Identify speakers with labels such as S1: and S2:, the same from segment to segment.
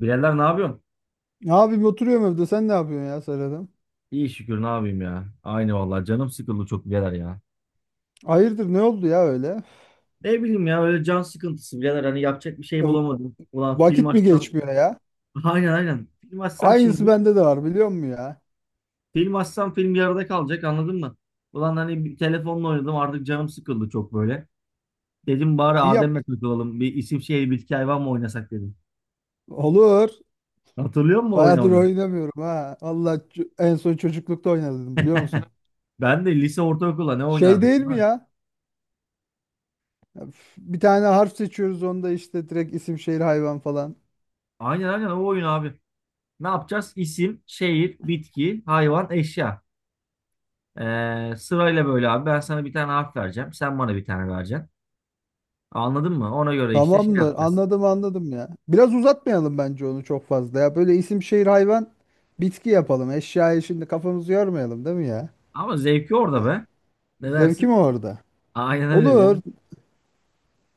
S1: Birader ne yapıyorsun?
S2: Abim oturuyorum evde. Sen ne yapıyorsun ya Serhat'ım?
S1: İyi şükür ne yapayım ya. Aynı vallahi canım sıkıldı çok birader ya.
S2: Hayırdır ne oldu ya öyle?
S1: Ne bileyim ya öyle can sıkıntısı birader hani yapacak bir şey
S2: V-
S1: bulamadım. Ulan film
S2: Vakit mi
S1: açsam.
S2: geçmiyor ya?
S1: Aynen aynen film açsam
S2: Aynısı
S1: şimdi,
S2: bende de var biliyor musun ya?
S1: film açsam film yarıda kalacak anladın mı? Ulan hani bir telefonla oynadım artık, canım sıkıldı çok böyle. Dedim bari
S2: İyi yap.
S1: Adem'le takılalım, bir isim şehir bitki hayvan mı oynasak dedim.
S2: Olur.
S1: Hatırlıyor musun o
S2: Bayağıdır
S1: oynamayı?
S2: oynamıyorum ha. Allah en son çocuklukta oynadım biliyor musun?
S1: Ben de lise ortaokulda ne
S2: Şey
S1: oynardık
S2: değil
S1: değil mi?
S2: mi ya? Üf, bir tane harf seçiyoruz onda işte direkt isim şehir hayvan falan.
S1: Aynen aynen o oyun abi. Ne yapacağız? İsim, şehir, bitki, hayvan, eşya. Sırayla böyle abi, ben sana bir tane harf vereceğim. Sen bana bir tane vereceksin. Anladın mı? Ona göre işte şey
S2: Tamamdır,
S1: yapacağız.
S2: anladım anladım ya. Biraz uzatmayalım bence onu çok fazla ya. Böyle isim şehir hayvan bitki yapalım. Eşyayı şimdi kafamızı yormayalım değil mi ya?
S1: Ama zevki orada
S2: Ya,
S1: be. Ne
S2: zevki
S1: dersin?
S2: mi orada?
S1: Aynen öyle bir.
S2: Olur,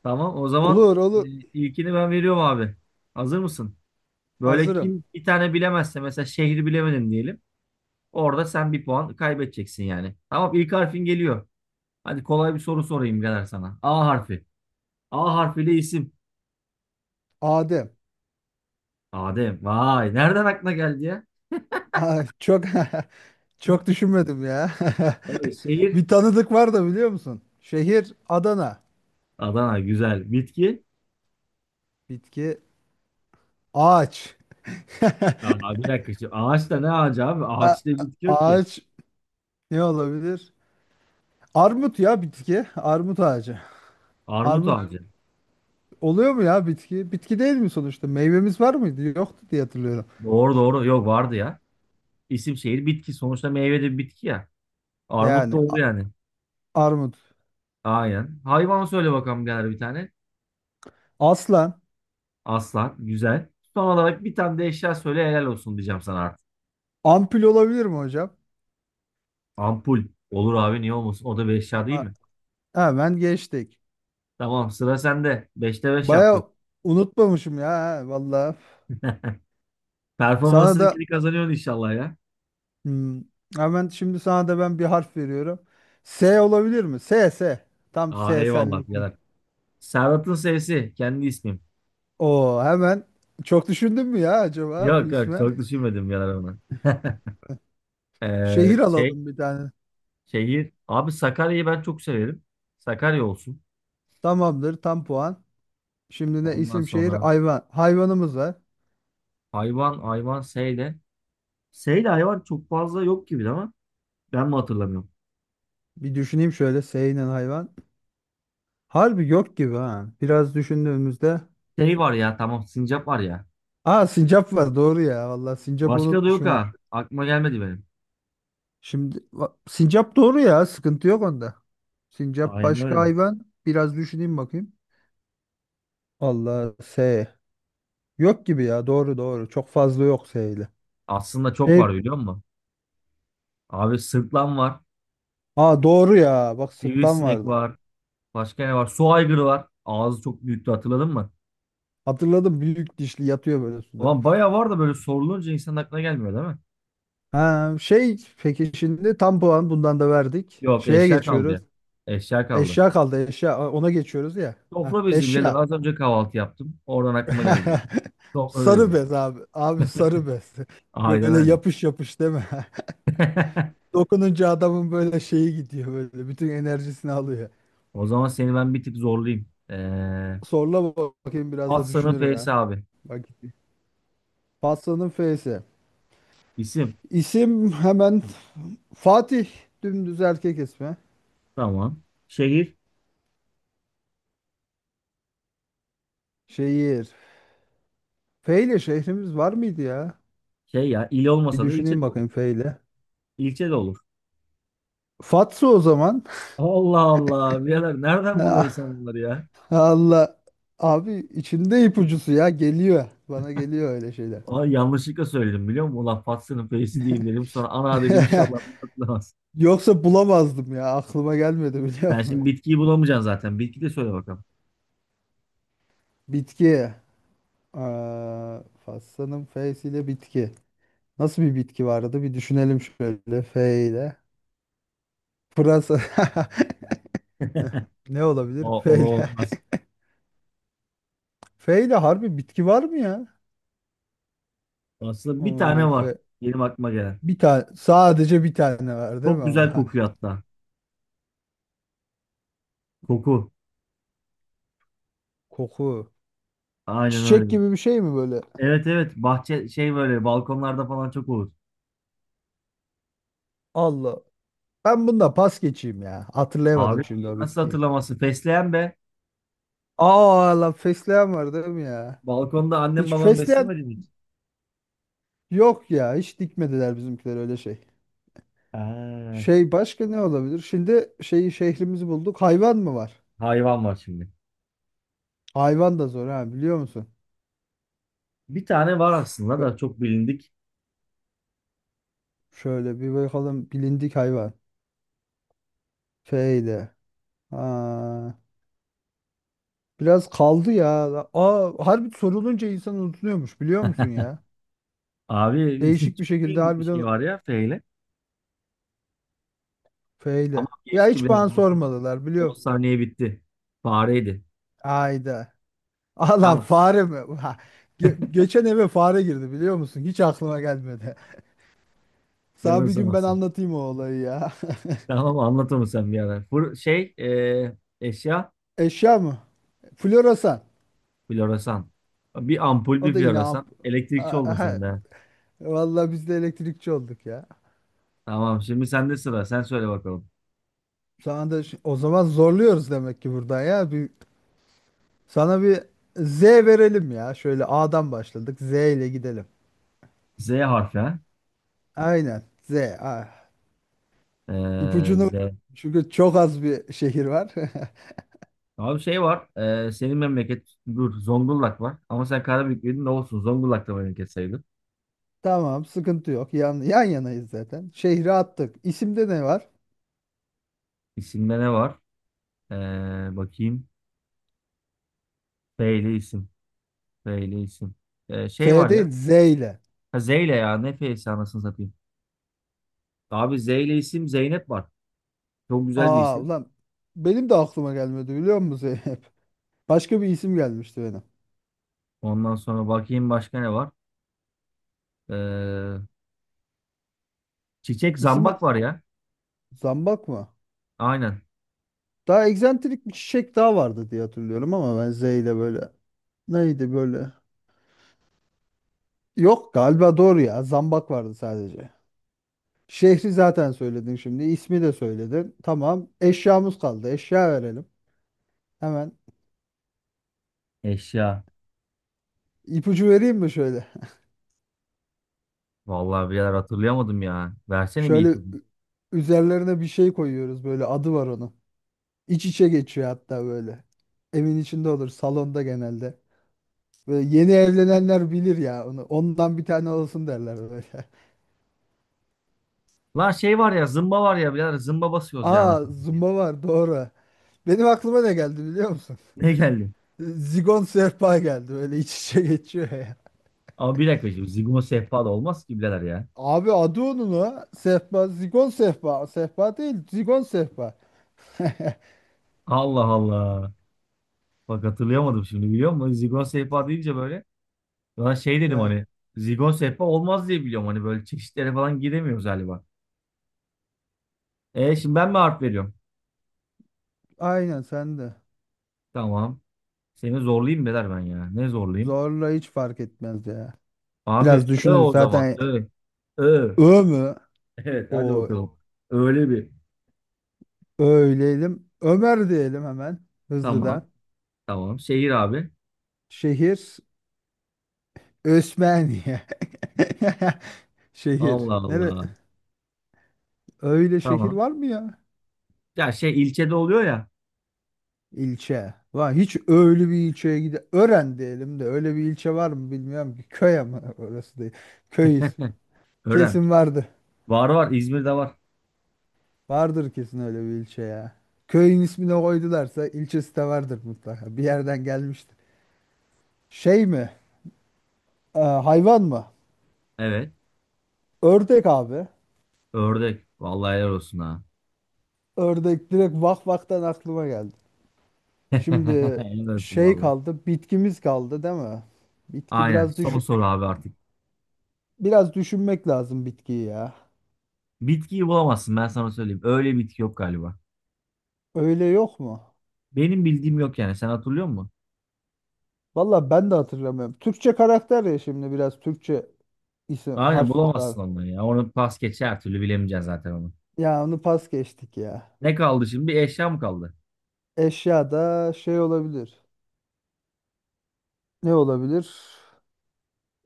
S1: Tamam, o zaman
S2: olur,
S1: e,
S2: olur.
S1: ilkini ben veriyorum abi. Hazır mısın? Böyle
S2: Hazırım.
S1: kim bir tane bilemezse, mesela şehri bilemedin diyelim. Orada sen bir puan kaybedeceksin yani. Tamam, ilk harfin geliyor. Hadi kolay bir soru sorayım birader sana. A harfi. A harfiyle isim.
S2: Adem.
S1: Adem. Vay, nereden aklına geldi ya?
S2: Ay, çok çok düşünmedim ya.
S1: Böyle şehir.
S2: Bir tanıdık var da biliyor musun? Şehir Adana.
S1: Adana güzel. Bitki.
S2: Bitki ağaç.
S1: Aa, bir dakika şimdi. Ağaç ne ağacı abi?
S2: A-
S1: Ağaçta bitki yok ki.
S2: ağaç ne olabilir? Armut ya bitki. Armut ağacı.
S1: Armut
S2: Armut
S1: ağacı.
S2: oluyor mu ya bitki? Bitki değil mi sonuçta? Meyvemiz var mıydı? Yoktu diye hatırlıyorum.
S1: Doğru doğru. Yok, vardı ya. İsim şehir bitki. Sonuçta meyve de bir bitki ya. Armut
S2: Yani
S1: da oldu yani.
S2: armut.
S1: Aynen. Hayvan söyle bakalım birader bir tane.
S2: Aslan.
S1: Aslan. Güzel. Son olarak bir tane de eşya söyle, helal olsun diyeceğim sana artık.
S2: Ampul olabilir mi hocam?
S1: Ampul. Olur abi, niye olmasın? O da bir eşya değil
S2: Ha,
S1: mi?
S2: hemen geçtik.
S1: Tamam, sıra sende. Beşte beş
S2: Baya
S1: yaptın.
S2: unutmamışım ya ha, vallahi. Sana
S1: Performansını
S2: da
S1: geri kazanıyorsun inşallah ya.
S2: hmm, hemen şimdi sana da ben bir harf veriyorum. S olabilir mi? S S. Tam
S1: Aa,
S2: S
S1: eyvallah
S2: senlik mi?
S1: birader. Serhat'ın sevsi. Kendi ismim.
S2: Oo, hemen çok düşündün mü ya acaba bu
S1: Yok yok,
S2: isme?
S1: çok düşünmedim birader ona.
S2: Şehir
S1: Şey,
S2: alalım bir tane.
S1: şehir abi, Sakarya'yı ben çok severim. Sakarya olsun.
S2: Tamamdır, tam puan. Şimdi ne,
S1: Ondan
S2: isim şehir
S1: sonra
S2: hayvan. Hayvanımız var.
S1: hayvan, hayvan Seyde. Seyde hayvan çok fazla yok gibi ama ben mi hatırlamıyorum.
S2: Bir düşüneyim şöyle S ile hayvan. Harbi yok gibi ha. Biraz düşündüğümüzde.
S1: Şey var ya, tamam, sincap var ya.
S2: Aa, sincap var doğru ya. Vallahi sincapı
S1: Başka da yok
S2: unutmuşum.
S1: ha. Aklıma gelmedi benim.
S2: Şimdi sincap doğru ya, sıkıntı yok onda. Sincap,
S1: Aynen
S2: başka
S1: öyle.
S2: hayvan. Biraz düşüneyim bakayım. Allah S. Yok gibi ya, doğru doğru. Çok fazla yok S ile.
S1: Aslında çok
S2: Şey,
S1: var, biliyor musun? Abi sırtlan var.
S2: aa doğru ya. Bak, sırtlan
S1: Sivrisinek
S2: vardı.
S1: var. Başka ne var? Su aygırı var. Ağzı çok büyüktü, hatırladın mı?
S2: Hatırladım, büyük dişli yatıyor böyle suda.
S1: Ulan bayağı var da böyle sorulunca insanın aklına gelmiyor değil mi?
S2: Ha, şey, peki şimdi tam puan bundan da verdik.
S1: Yok,
S2: Şeye
S1: eşya kaldı
S2: geçiyoruz.
S1: ya. Eşya kaldı.
S2: Eşya kaldı, eşya. Aa, ona geçiyoruz ya. Ha,
S1: Sofra bezi birader.
S2: eşya.
S1: Az önce kahvaltı yaptım. Oradan aklıma geldi bak. Sofra
S2: Sarı
S1: bezi.
S2: bez abi. Abi, sarı bez.
S1: Aynen
S2: Böyle
S1: öyle.
S2: yapış yapış değil mi? Dokununca adamın böyle şeyi gidiyor böyle. Bütün enerjisini alıyor.
S1: O zaman seni ben bir tık zorlayayım.
S2: Sorla bakayım, biraz
S1: At
S2: da
S1: sana
S2: düşünürüm ha.
S1: F'si abi.
S2: Bak gitti. Pastanın F'si.
S1: İsim.
S2: İsim, hemen Fatih. Dümdüz erkek ismi.
S1: Tamam. Şehir.
S2: Şehir. F ile şehrimiz var mıydı ya?
S1: Şey ya, il
S2: Bir
S1: olmasa da ilçe
S2: düşüneyim
S1: de olur.
S2: bakayım F ile.
S1: İlçe de olur.
S2: Fatsa o zaman.
S1: Allah Allah. Birader nereden
S2: Ah,
S1: buluyorsun sen bunları ya?
S2: Allah. Abi, içinde ipucusu ya geliyor. Bana geliyor öyle şeyler.
S1: Ay, yanlışlıkla söyledim biliyor musun? Ulan Fatsa'nın F'si diyeyim dedim. Sonra ana dedim, inşallah bunu hatırlamaz.
S2: Yoksa bulamazdım ya. Aklıma gelmedi biliyor
S1: Sen
S2: musun?
S1: şimdi bitkiyi bulamayacaksın zaten. Bitki de söyle bakalım.
S2: Bitki. Aa, Fassa'nın F'si ile bitki. Nasıl bir bitki vardı? Bir düşünelim şöyle F ile. Pırasa. Ne
S1: O,
S2: olabilir F
S1: o
S2: ile?
S1: olmaz.
S2: F ile harbi bitki var mı ya?
S1: Aslında bir
S2: Aa,
S1: tane var.
S2: F.
S1: Benim aklıma gelen.
S2: Bir tane, sadece bir tane var değil
S1: Çok
S2: mi
S1: güzel
S2: ama?
S1: kokuyor hatta. Koku.
S2: Koku.
S1: Aynen
S2: Çiçek
S1: öyle.
S2: gibi bir şey mi böyle?
S1: Evet evet, bahçe şey, böyle balkonlarda falan çok olur.
S2: Allah. Ben bunda pas geçeyim ya.
S1: Abi
S2: Hatırlayamadım şimdi o
S1: nasıl
S2: bitkiyi.
S1: hatırlaması? Fesleğen be.
S2: Aa lan, fesleğen var değil mi ya?
S1: Balkonda annem
S2: Hiç
S1: babam
S2: fesleğen
S1: beslemedi mi hiç?
S2: yok ya. Hiç dikmediler bizimkiler öyle şey.
S1: Ha,
S2: Şey, başka ne olabilir? Şimdi şeyi, şehrimizi bulduk. Hayvan mı var?
S1: hayvan var şimdi.
S2: Hayvan da zor ha, biliyor musun?
S1: Bir tane var
S2: Üf,
S1: aslında
S2: be-
S1: da çok bilindik.
S2: şöyle bir bakalım, bilindik hayvan. Şeyde. Ha, biraz kaldı ya. Aa, harbi sorulunca insan unutuluyormuş biliyor musun ya?
S1: Abi
S2: Değişik bir
S1: çok
S2: şekilde,
S1: bilindik bir şey
S2: harbiden
S1: var ya feyle. Ama
S2: feyle. Ya
S1: geçti
S2: hiç
S1: bile.
S2: bana
S1: on
S2: sormadılar biliyor
S1: on
S2: musun?
S1: saniye bitti. Fareydi.
S2: Ayda. Allah,
S1: Tamam.
S2: fare mi? Ha, geçen eve fare girdi biliyor musun? Hiç aklıma gelmedi.
S1: Canın
S2: Sana bir
S1: sağ
S2: gün ben
S1: olsun.
S2: anlatayım o olayı ya.
S1: Tamam, anlatır mısın bir ara? Eşya.
S2: Eşya mı? Floresan.
S1: Floresan. Bir ampul
S2: O
S1: bir
S2: da yine
S1: floresan. Elektrikçi oldun sen
S2: Aha.
S1: de.
S2: Vallahi biz de elektrikçi olduk ya.
S1: Tamam, şimdi sende sıra. Sen söyle bakalım.
S2: Sana da o zaman zorluyoruz demek ki buradan ya. Sana bir Z verelim ya. Şöyle A'dan başladık, Z ile gidelim.
S1: Z harfi ha.
S2: Aynen. Z. Ah. İpucunu,
S1: Z.
S2: çünkü çok az bir şehir var.
S1: Abi şey var. Senin memleket, dur, Zonguldak var. Ama sen Karabük'lüydün, ne olsun. Zonguldak da memleket sayılır.
S2: Tamam, sıkıntı yok. Yan yanayız zaten. Şehri attık. İsimde ne var?
S1: İsimde ne var? Ee, bakayım. F ile isim. F ile isim.
S2: F
S1: Şey var
S2: değil,
S1: ya.
S2: Z ile.
S1: Ha, Z ile ya. Ne F'si, anasını satayım. Abi Z ile isim, Zeynep var. Çok güzel bir
S2: Aa
S1: isim.
S2: ulan, benim de aklıma gelmedi biliyor musun? Başka bir isim gelmişti benim.
S1: Ondan sonra bakayım başka ne var? Ee, çiçek,
S2: İsmi
S1: zambak var ya.
S2: zambak mı?
S1: Aynen.
S2: Daha egzantrik bir çiçek daha vardı diye hatırlıyorum ama, ben Z ile böyle. Neydi böyle? Yok galiba, doğru ya. Zambak vardı sadece. Şehri zaten söyledin şimdi. İsmi de söyledin. Tamam. Eşyamız kaldı. Eşya verelim. Hemen
S1: Eşya.
S2: ipucu vereyim mi şöyle?
S1: Vallahi birader hatırlayamadım ya. Versene bir
S2: Şöyle
S1: ipucu.
S2: üzerlerine bir şey koyuyoruz, böyle adı var onun. İç içe geçiyor hatta böyle. Evin içinde olur, salonda genelde. Böyle yeni evlenenler bilir ya onu. Ondan bir tane olsun derler böyle.
S1: Lan şey var ya, zımba var ya birader, zımba basıyoruz ya
S2: Aa,
S1: anasını satayım.
S2: zumba var doğru. Benim aklıma ne geldi biliyor musun?
S1: Ne geldi?
S2: Zigon sehpa geldi, böyle iç içe geçiyor ya.
S1: Ama bir dakika şimdi, Zigon sehpa da olmaz ki birader ya.
S2: Abi adı onun o. Sehpa, zigon sehpa. Sehpa değil, zigon sehpa.
S1: Allah Allah. Bak
S2: Ya,
S1: hatırlayamadım şimdi, biliyor musun? Zigon sehpa deyince böyle. Lan şey dedim
S2: ya,
S1: hani. Zigon sehpa olmaz diye biliyorum. Hani böyle çeşitlere falan giremiyoruz galiba. E şimdi ben mi harf veriyorum?
S2: aynen sen de.
S1: Tamam. Seni zorlayayım birader ben ya. Ne zorlayayım?
S2: Zorla, hiç fark etmez ya. Biraz
S1: Abi ö,
S2: düşünürüz
S1: o zaman.
S2: zaten.
S1: Ö. Ö.
S2: Ö mü?
S1: Evet, hadi
S2: O,
S1: bakalım. Öyle bir.
S2: öyleyelim. Ömer diyelim hemen,
S1: Tamam.
S2: hızlıdan.
S1: Tamam. Şehir abi.
S2: Şehir Osmaniye. Şehir.
S1: Allah
S2: Nere?
S1: Allah.
S2: Öyle şehir
S1: Tamam.
S2: var mı ya?
S1: Ya şey, ilçede oluyor ya.
S2: İlçe. Var. Hiç öyle bir ilçeye gide. Ören diyelim de, öyle bir ilçe var mı bilmiyorum ki. Köy ama orası değil. Köy ismi.
S1: Ören.
S2: Kesin vardı.
S1: Var var. İzmir'de var.
S2: Vardır kesin öyle bir ilçe ya. Köyün ismini koydularsa ilçesi de vardır mutlaka. Bir yerden gelmiştir. Şey mi? Hayvan mı?
S1: Evet.
S2: Ördek abi.
S1: Ördek. Vallahi helal olsun ha.
S2: Ördek direkt vak vaktan aklıma geldi. Şimdi
S1: Helal olsun
S2: şey
S1: vallahi.
S2: kaldı. Bitkimiz kaldı değil mi? Bitki
S1: Aynen.
S2: biraz düş
S1: Son soru abi artık.
S2: Biraz düşünmek lazım bitkiyi ya.
S1: Bitkiyi bulamazsın, ben sana söyleyeyim. Öyle bitki yok galiba.
S2: Öyle yok mu?
S1: Benim bildiğim yok yani. Sen hatırlıyor musun?
S2: Valla ben de hatırlamıyorum. Türkçe karakter ya şimdi, biraz Türkçe isim
S1: Aynen,
S2: harf da.
S1: bulamazsın onu ya. Onu pas geçer, her türlü bilemeyeceksin zaten onu.
S2: Ya onu pas geçtik ya.
S1: Ne kaldı şimdi? Bir eşya mı kaldı?
S2: Eşya da şey olabilir. Ne olabilir?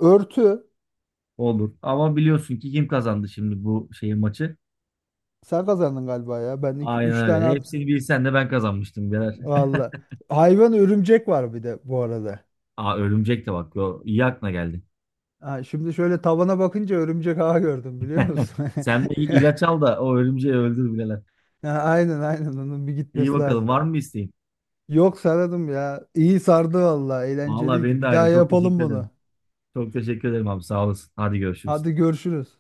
S2: Örtü.
S1: Olur. Ama biliyorsun ki kim kazandı şimdi bu şeyin maçı?
S2: Sen kazandın galiba ya. Ben iki, üç
S1: Aynen
S2: tane
S1: öyle.
S2: at.
S1: Hepsini bilsen de ben kazanmıştım birader.
S2: Valla. Hayvan örümcek var bir de bu arada.
S1: Aa, örümcek de bak. Yo, iyi aklına geldi.
S2: Ha, şimdi şöyle tavana bakınca örümcek ağı gördüm biliyor musun?
S1: Sen bir ilaç al da o örümceği öldür bileler.
S2: Ha, aynen aynen, onun bir
S1: İyi,
S2: gitmesi
S1: bakalım
S2: lazım.
S1: var mı bir isteğin?
S2: Yok, sararım ya. İyi sardı valla.
S1: Vallahi
S2: Eğlenceliydi.
S1: benim de
S2: Bir daha
S1: aynı. Çok
S2: yapalım
S1: teşekkür
S2: bunu.
S1: ederim. Çok teşekkür ederim abi. Sağ olasın. Hadi görüşürüz.
S2: Hadi görüşürüz.